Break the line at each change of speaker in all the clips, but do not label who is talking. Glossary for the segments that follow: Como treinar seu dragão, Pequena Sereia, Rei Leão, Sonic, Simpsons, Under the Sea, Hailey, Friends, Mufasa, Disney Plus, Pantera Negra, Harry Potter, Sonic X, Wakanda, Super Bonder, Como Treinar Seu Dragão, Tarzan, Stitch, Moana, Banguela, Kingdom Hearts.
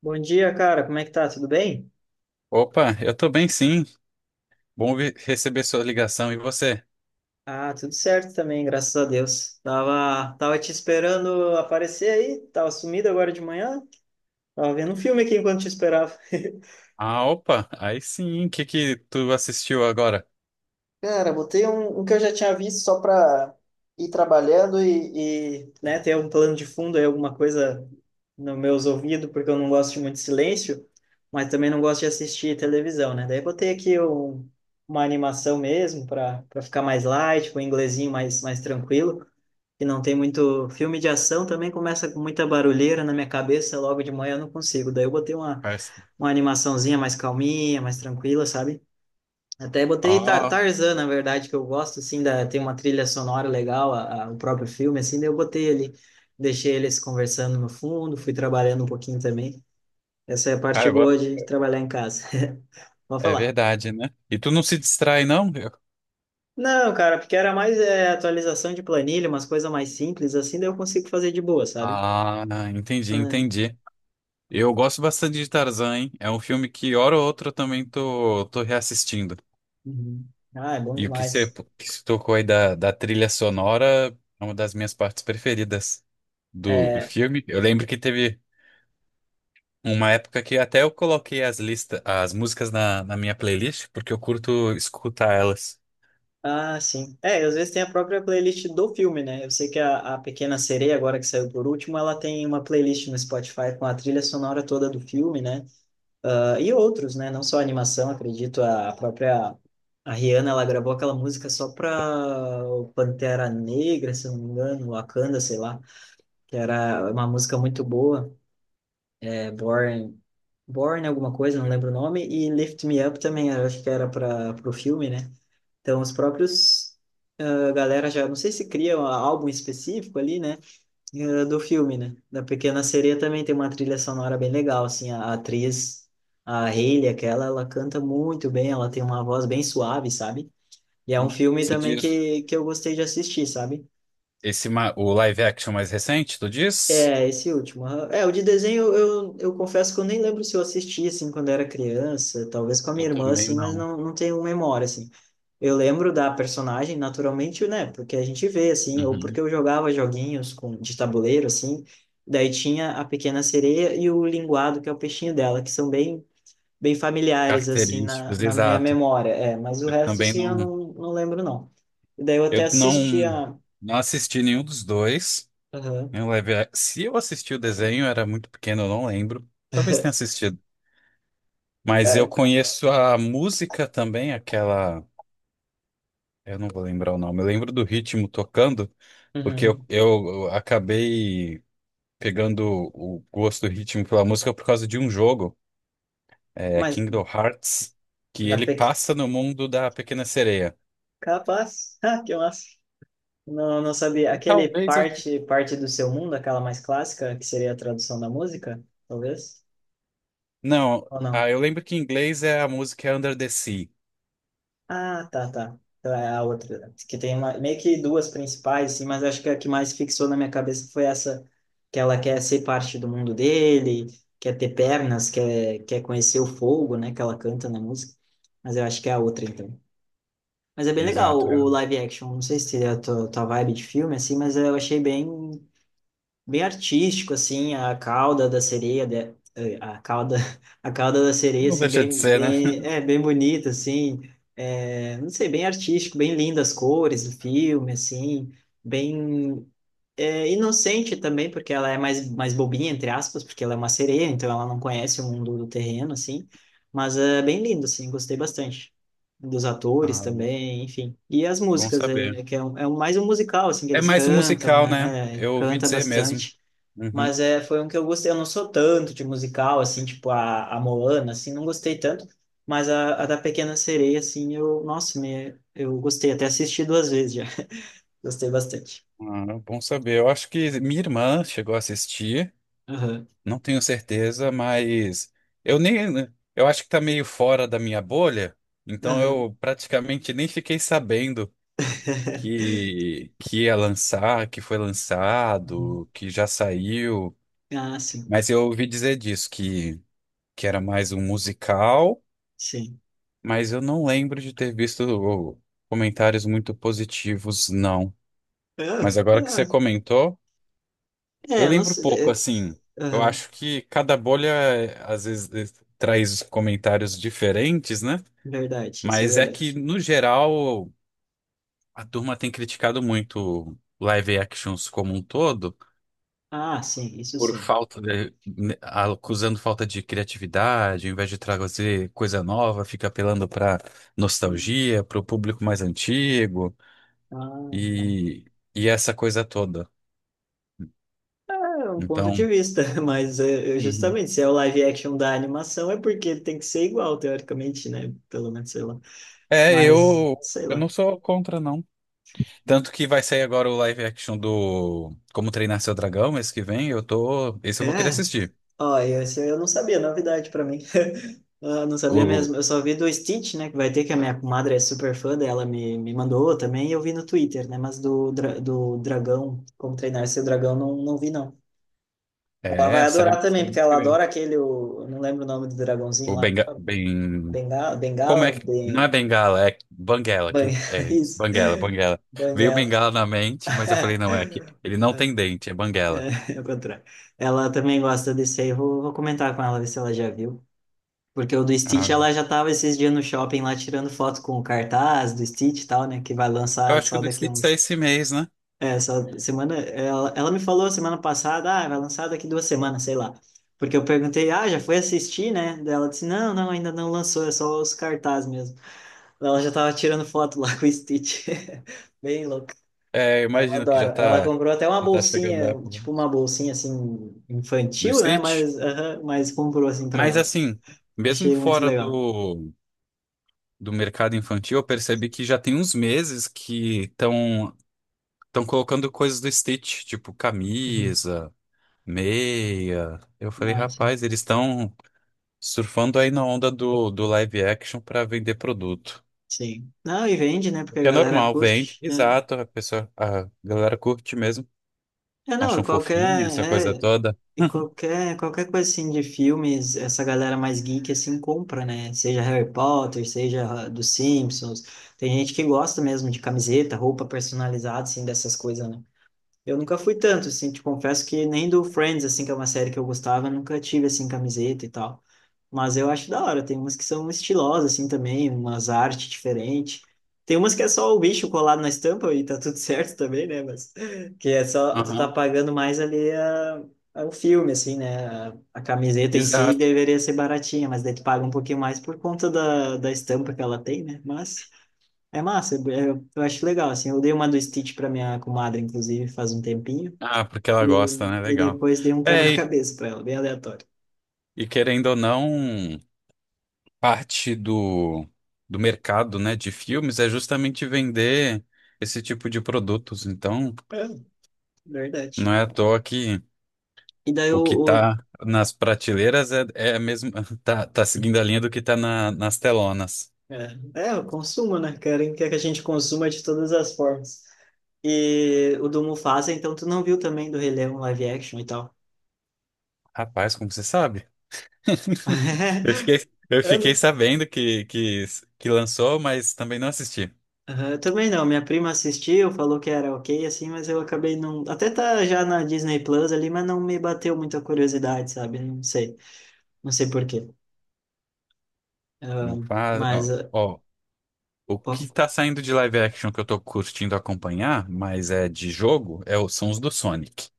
Bom dia, cara. Como é que tá? Tudo bem?
Opa, eu tô bem sim. Receber sua ligação. E você?
Ah, tudo certo também, graças a Deus. Tava te esperando aparecer aí, tava sumido agora de manhã. Tava vendo um filme aqui enquanto te esperava.
Ah, opa, aí sim. O que que tu assistiu agora,
Cara, botei um que eu já tinha visto só para ir trabalhando e, né, ter um plano de fundo aí, alguma coisa nos meus ouvidos, porque eu não gosto de muito silêncio, mas também não gosto de assistir televisão, né? Daí botei aqui um, uma animação mesmo para ficar mais light, com um inglesinho mais tranquilo, que não tem muito filme de ação, também começa com muita barulheira na minha cabeça, logo de manhã eu não consigo. Daí eu botei
parça?
uma animaçãozinha mais calminha, mais tranquila, sabe? Até botei Tar-
Ah,
Tarzan, na verdade, que eu gosto, assim, da, tem uma trilha sonora legal, o próprio filme, assim, daí eu botei ali, deixei eles conversando no fundo, fui trabalhando um pouquinho também. Essa é a parte
cara, agora-
boa de trabalhar em casa. Vou
É
falar.
verdade, né? E tu não se distrai, não?
Não, cara, porque era mais atualização de planilha, umas coisas mais simples, assim, daí eu consigo fazer de boa, sabe?
Ah,
Ah,
entendi. Eu gosto bastante de Tarzan, hein? É um filme que, hora ou outra, eu também tô reassistindo.
uhum. Ah, é bom
E o que você
demais.
que se tocou aí da trilha sonora é uma das minhas partes preferidas do filme. Eu lembro que teve. Uma época que até eu coloquei as listas, as músicas na minha playlist, porque eu curto escutar elas.
Ah, sim. É, às vezes tem a própria playlist do filme, né? Eu sei que a Pequena Sereia, agora que saiu por último, ela tem uma playlist no Spotify com a trilha sonora toda do filme, né? Ah, e outros, né? Não só a animação, acredito, a, própria a Rihanna, ela gravou aquela música só pra o Pantera Negra, se eu não me engano, Wakanda, sei lá, que era uma música muito boa, é Born, Born alguma coisa, não lembro o nome, e Lift Me Up também, eu acho que era para o filme, né? Então, os próprios ah, galera já, não sei se cria um álbum específico ali, né, ah, do filme, né? Da Pequena Sereia também tem uma trilha sonora bem legal, assim, a atriz, a Hailey, aquela, ela canta muito bem, ela tem uma voz bem suave, sabe? E é um filme
Você
também
diz?
que eu gostei de assistir, sabe?
Esse, o live action mais recente, tu diz?
É, esse último. Ah, É, o de desenho, eu confesso que eu nem lembro se eu assisti, assim, quando era criança, talvez com a
Eu
minha irmã,
também
assim, mas
não.
não tenho memória, assim. Eu lembro da personagem naturalmente, né? Porque a gente vê, assim, ou porque
Uhum.
eu jogava joguinhos com, de tabuleiro, assim, daí tinha a pequena sereia e o linguado, que é o peixinho dela, que são bem, bem familiares, assim, na,
Características,
na minha
exato.
memória. É, mas o
Eu
resto,
também
sim,
não.
eu não lembro, não. E daí eu até
Eu não,
assistia.
Não assisti nenhum dos dois.
Aham.
Se eu assisti o desenho, era muito pequeno, eu não lembro. Talvez tenha assistido. Mas
É,
eu conheço a música também, aquela. Eu não vou lembrar o nome. Eu lembro do ritmo tocando, porque eu,
uhum.
eu acabei pegando o gosto do ritmo pela música por causa de um jogo, é,
Mas
Kingdom Hearts, que ele
da PEC,
passa no mundo da Pequena Sereia.
capaz. Ah, que massa. Não, não sabia.
E
Aquele
talvez eu.
parte, parte do seu mundo, aquela mais clássica, que seria a tradução da música, talvez?
Não,
Ou
ah,
não?
eu lembro que em inglês a música é Under the Sea.
Ah, tá, tá. Então é a outra. Que tem uma, meio que duas principais, assim, mas acho que a que mais fixou na minha cabeça foi essa, que ela quer ser parte do mundo dele, quer ter pernas, quer conhecer o fogo, né, que ela canta na música. Mas eu acho que é a outra, então. Mas é bem legal
Exato. É.
o live action. Não sei se é a tua vibe de filme, assim, mas eu achei bem bem artístico assim a cauda da a cauda a cauda da sereia
Não
assim
deixa de
bem
ser, né?
bem é bem bonita assim, é, não sei, bem artístico, bem lindas as cores do filme assim, bem é, inocente também porque ela é mais bobinha entre aspas porque ela é uma sereia então ela não conhece o mundo do terreno assim, mas é bem lindo assim, gostei bastante dos atores
Ah,
também, enfim. E as
bom
músicas, é,
saber.
é que mais um musical, assim, que
É
eles
mais um
cantam,
musical, né?
né? É,
Eu ouvi
canta
dizer mesmo.
bastante.
Uhum.
Mas é, foi um que eu gostei. Eu não sou tanto de musical, assim, tipo a Moana, assim, não gostei tanto. Mas a da Pequena Sereia, assim, eu, nossa, me, eu gostei. Até assisti duas vezes já. Gostei bastante.
Ah, bom saber. Eu acho que minha irmã chegou a assistir.
Aham.
Não tenho certeza, mas eu nem, né, eu acho que tá meio fora da minha bolha, então
Aham.
eu praticamente nem fiquei sabendo que ia lançar, que foi
Uhum.
lançado, que já saiu,
Ah, sim.
mas eu ouvi dizer disso que era mais um musical,
Sim.
mas eu não lembro de ter visto oh, comentários muito positivos, não.
Ah,
Mas agora que você
ah.
comentou.
É,
Eu
eu não
lembro pouco,
sei.
assim.
É,
Eu
aham.
acho que cada bolha às vezes traz comentários diferentes, né?
Verdade, isso é
Mas é que,
verdade.
no geral, a turma tem criticado muito live actions como um todo,
Ah, sim, isso
por
sim.
falta de, né, acusando falta de criatividade, ao invés de trazer coisa nova, fica apelando para
Hum.
nostalgia, para o público mais antigo
Ah, tá.
e, e essa coisa toda.
É um ponto de
Então,
vista. Mas é, eu-
uhum,
justamente se é o live action da animação é porque ele tem que ser igual, teoricamente, né? Pelo menos, sei lá.
é,
Mas, sei
eu
lá.
não sou contra, não. Tanto que vai sair agora o live action do Como Treinar Seu Dragão mês que vem. Eu tô. Esse
É,
eu vou querer assistir.
ó, esse eu não sabia, novidade pra mim. Eu não sabia
O...
mesmo, eu só vi do Stitch, né? Que vai ter, que a minha comadre é super fã dela, me mandou também, e eu vi no Twitter, né? Mas do Dragão, como treinar seu dragão, não vi, não. Ela vai
É,
adorar também,
sai
porque
mês
ela
que vem.
adora aquele, o- eu não lembro o nome do dragãozinho
O
lá,
Benga... Ben...
Bengala,
Como é
Bengala,
que. Não é Bengala, é Banguela. Quem...
Banguela,
É isso,
isso.
Banguela. Veio
Banguela.
Bengala na mente, mas eu falei, não, é aqui. Ele não tem dente, é Banguela.
É o contrário. Ela também gosta desse aí. Vou comentar com ela, ver se ela já viu. Porque o do Stitch,
Ah,
ela já tava esses dias no shopping lá tirando foto com o cartaz do Stitch e tal, né? Que vai
eu
lançar
acho que o
só
do
daqui
Stitch sai
uns.
esse mês, né?
É, só semana. Ela me falou semana passada, ah, vai lançar daqui duas semanas, sei lá. Porque eu perguntei, ah, já foi assistir, né? Daí ela disse, não, ainda não lançou, é só os cartazes mesmo. Ela já tava tirando foto lá com o Stitch. Bem louco.
É, eu
Ela
imagino que
adora.
já
Ela
tá.
comprou até uma
Já tá chegando a
bolsinha,
época
tipo uma bolsinha assim
do
infantil, né?
Stitch.
Mas, aham, mas comprou assim pra
Mas
ela.
assim, mesmo
Achei muito
fora
legal.
do mercado infantil, eu percebi que já tem uns meses que estão colocando coisas do Stitch, tipo
Uhum.
camisa, meia. Eu falei,
Ah, sim.
rapaz, eles estão surfando aí na onda do live action para vender produto.
Sim. Não, e vende, né? Porque a
É
galera
normal, vende.
curte, né?
Exato, a pessoa, a galera curte mesmo,
É, não,
acham fofinho essa coisa
qualquer, é,
toda.
e qualquer, qualquer coisa assim de filmes, essa galera mais geek assim compra, né? Seja Harry Potter, seja dos Simpsons. Tem gente que gosta mesmo de camiseta, roupa personalizada, assim, dessas coisas, né? Eu nunca fui tanto, assim, te confesso que nem do Friends, assim, que é uma série que eu gostava, nunca tive, assim, camiseta e tal. Mas eu acho da hora, tem umas que são estilosas, assim, também, umas artes diferentes. Tem umas que é só o bicho colado na estampa e tá tudo certo também, né? Mas que é só, tu tá
Aham,
pagando mais ali o filme, assim, né? A camiseta em si
exato.
deveria ser baratinha, mas daí tu paga um pouquinho mais por conta da estampa que ela tem, né? Mas... É massa, eu acho legal, assim. Eu dei uma do Stitch pra minha comadre, inclusive, faz um tempinho.
Ah, porque ela
E,
gosta, né?
e
Legal.
depois dei um
É, e
quebra-cabeça pra ela, bem aleatório.
e querendo ou não. Parte do mercado, né, de filmes é justamente vender esse tipo de produtos. Então,
É, verdade.
não é à toa que
E daí
o que
o
está nas prateleiras é a mesma, tá seguindo a linha do que está nas telonas.
é, é, o consumo, né? Querem que a gente consuma de todas as formas. E o do Mufasa, então, tu não viu também do Rei Leão live action e tal?
Rapaz, como você sabe? Eu
É,
fiquei
né?
sabendo que lançou, mas também não assisti.
Aham, eu também não, minha prima assistiu, falou que era ok, assim, mas eu acabei não. Até tá já na Disney Plus ali, mas não me bateu muita curiosidade, sabe? Não sei. Não sei por quê. Ah,
Não faz,
mas,
ó,
ah,
ó, o que
pô,
tá saindo de live action que eu tô curtindo acompanhar, mas é de jogo, é, são os do Sonic.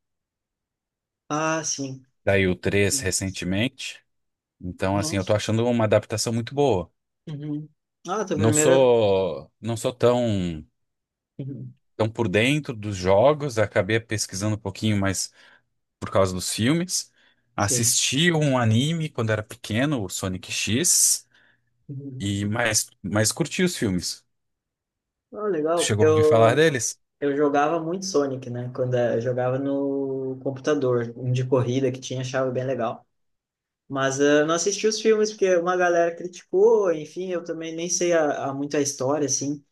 ah, sim.
Daí o 3 recentemente. Então, assim,
Não.
eu tô achando uma adaptação muito boa.
Uhum. Ah, tua primeira.
Não sou tão,
Uhum.
tão por dentro dos jogos, acabei pesquisando um pouquinho mais por causa dos filmes.
Sim.
Assisti um anime quando era pequeno, o Sonic X,
Uhum.
e mais, mais curti os filmes.
Ah,
Tu
legal.
chegou a ouvir falar deles?
Eu jogava muito Sonic, né? Quando eu jogava no computador, um de corrida que tinha, achava bem legal. Mas eu não assisti os filmes porque uma galera criticou, enfim, eu também nem sei a, muito a história, assim.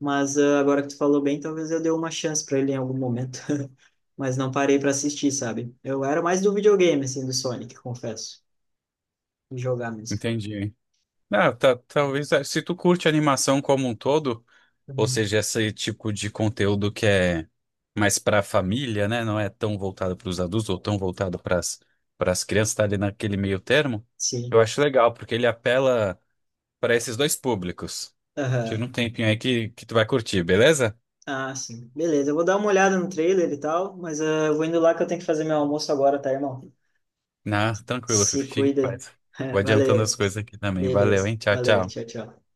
Mas agora que tu falou bem, talvez eu dê uma chance para ele em algum momento. Mas não parei para assistir, sabe? Eu era mais do videogame, assim, do Sonic, confesso. De jogar mesmo.
Entendi. Não, tá- talvez eh, se tu curte animação como um todo, ou
Uhum.
seja, esse tipo de conteúdo que é mais para a família, né? Não é tão voltado para os adultos ou tão voltado para as crianças, tá ali naquele meio termo.
Sim.
Eu acho legal, porque ele apela para esses dois públicos. Tira
Aham.
um tempinho aí que tu vai curtir, beleza?
Ah, sim. Beleza, eu vou dar uma olhada no trailer e tal, mas eu vou indo lá que eu tenho que fazer meu almoço agora, tá, irmão?
Na, tranquilo,
Se
fica em
cuida aí.
paz. Vou adiantando as
Valeu.
coisas aqui também. Valeu,
Beleza.
hein? Tchau,
Valeu.
tchau.
Tchau, tchau.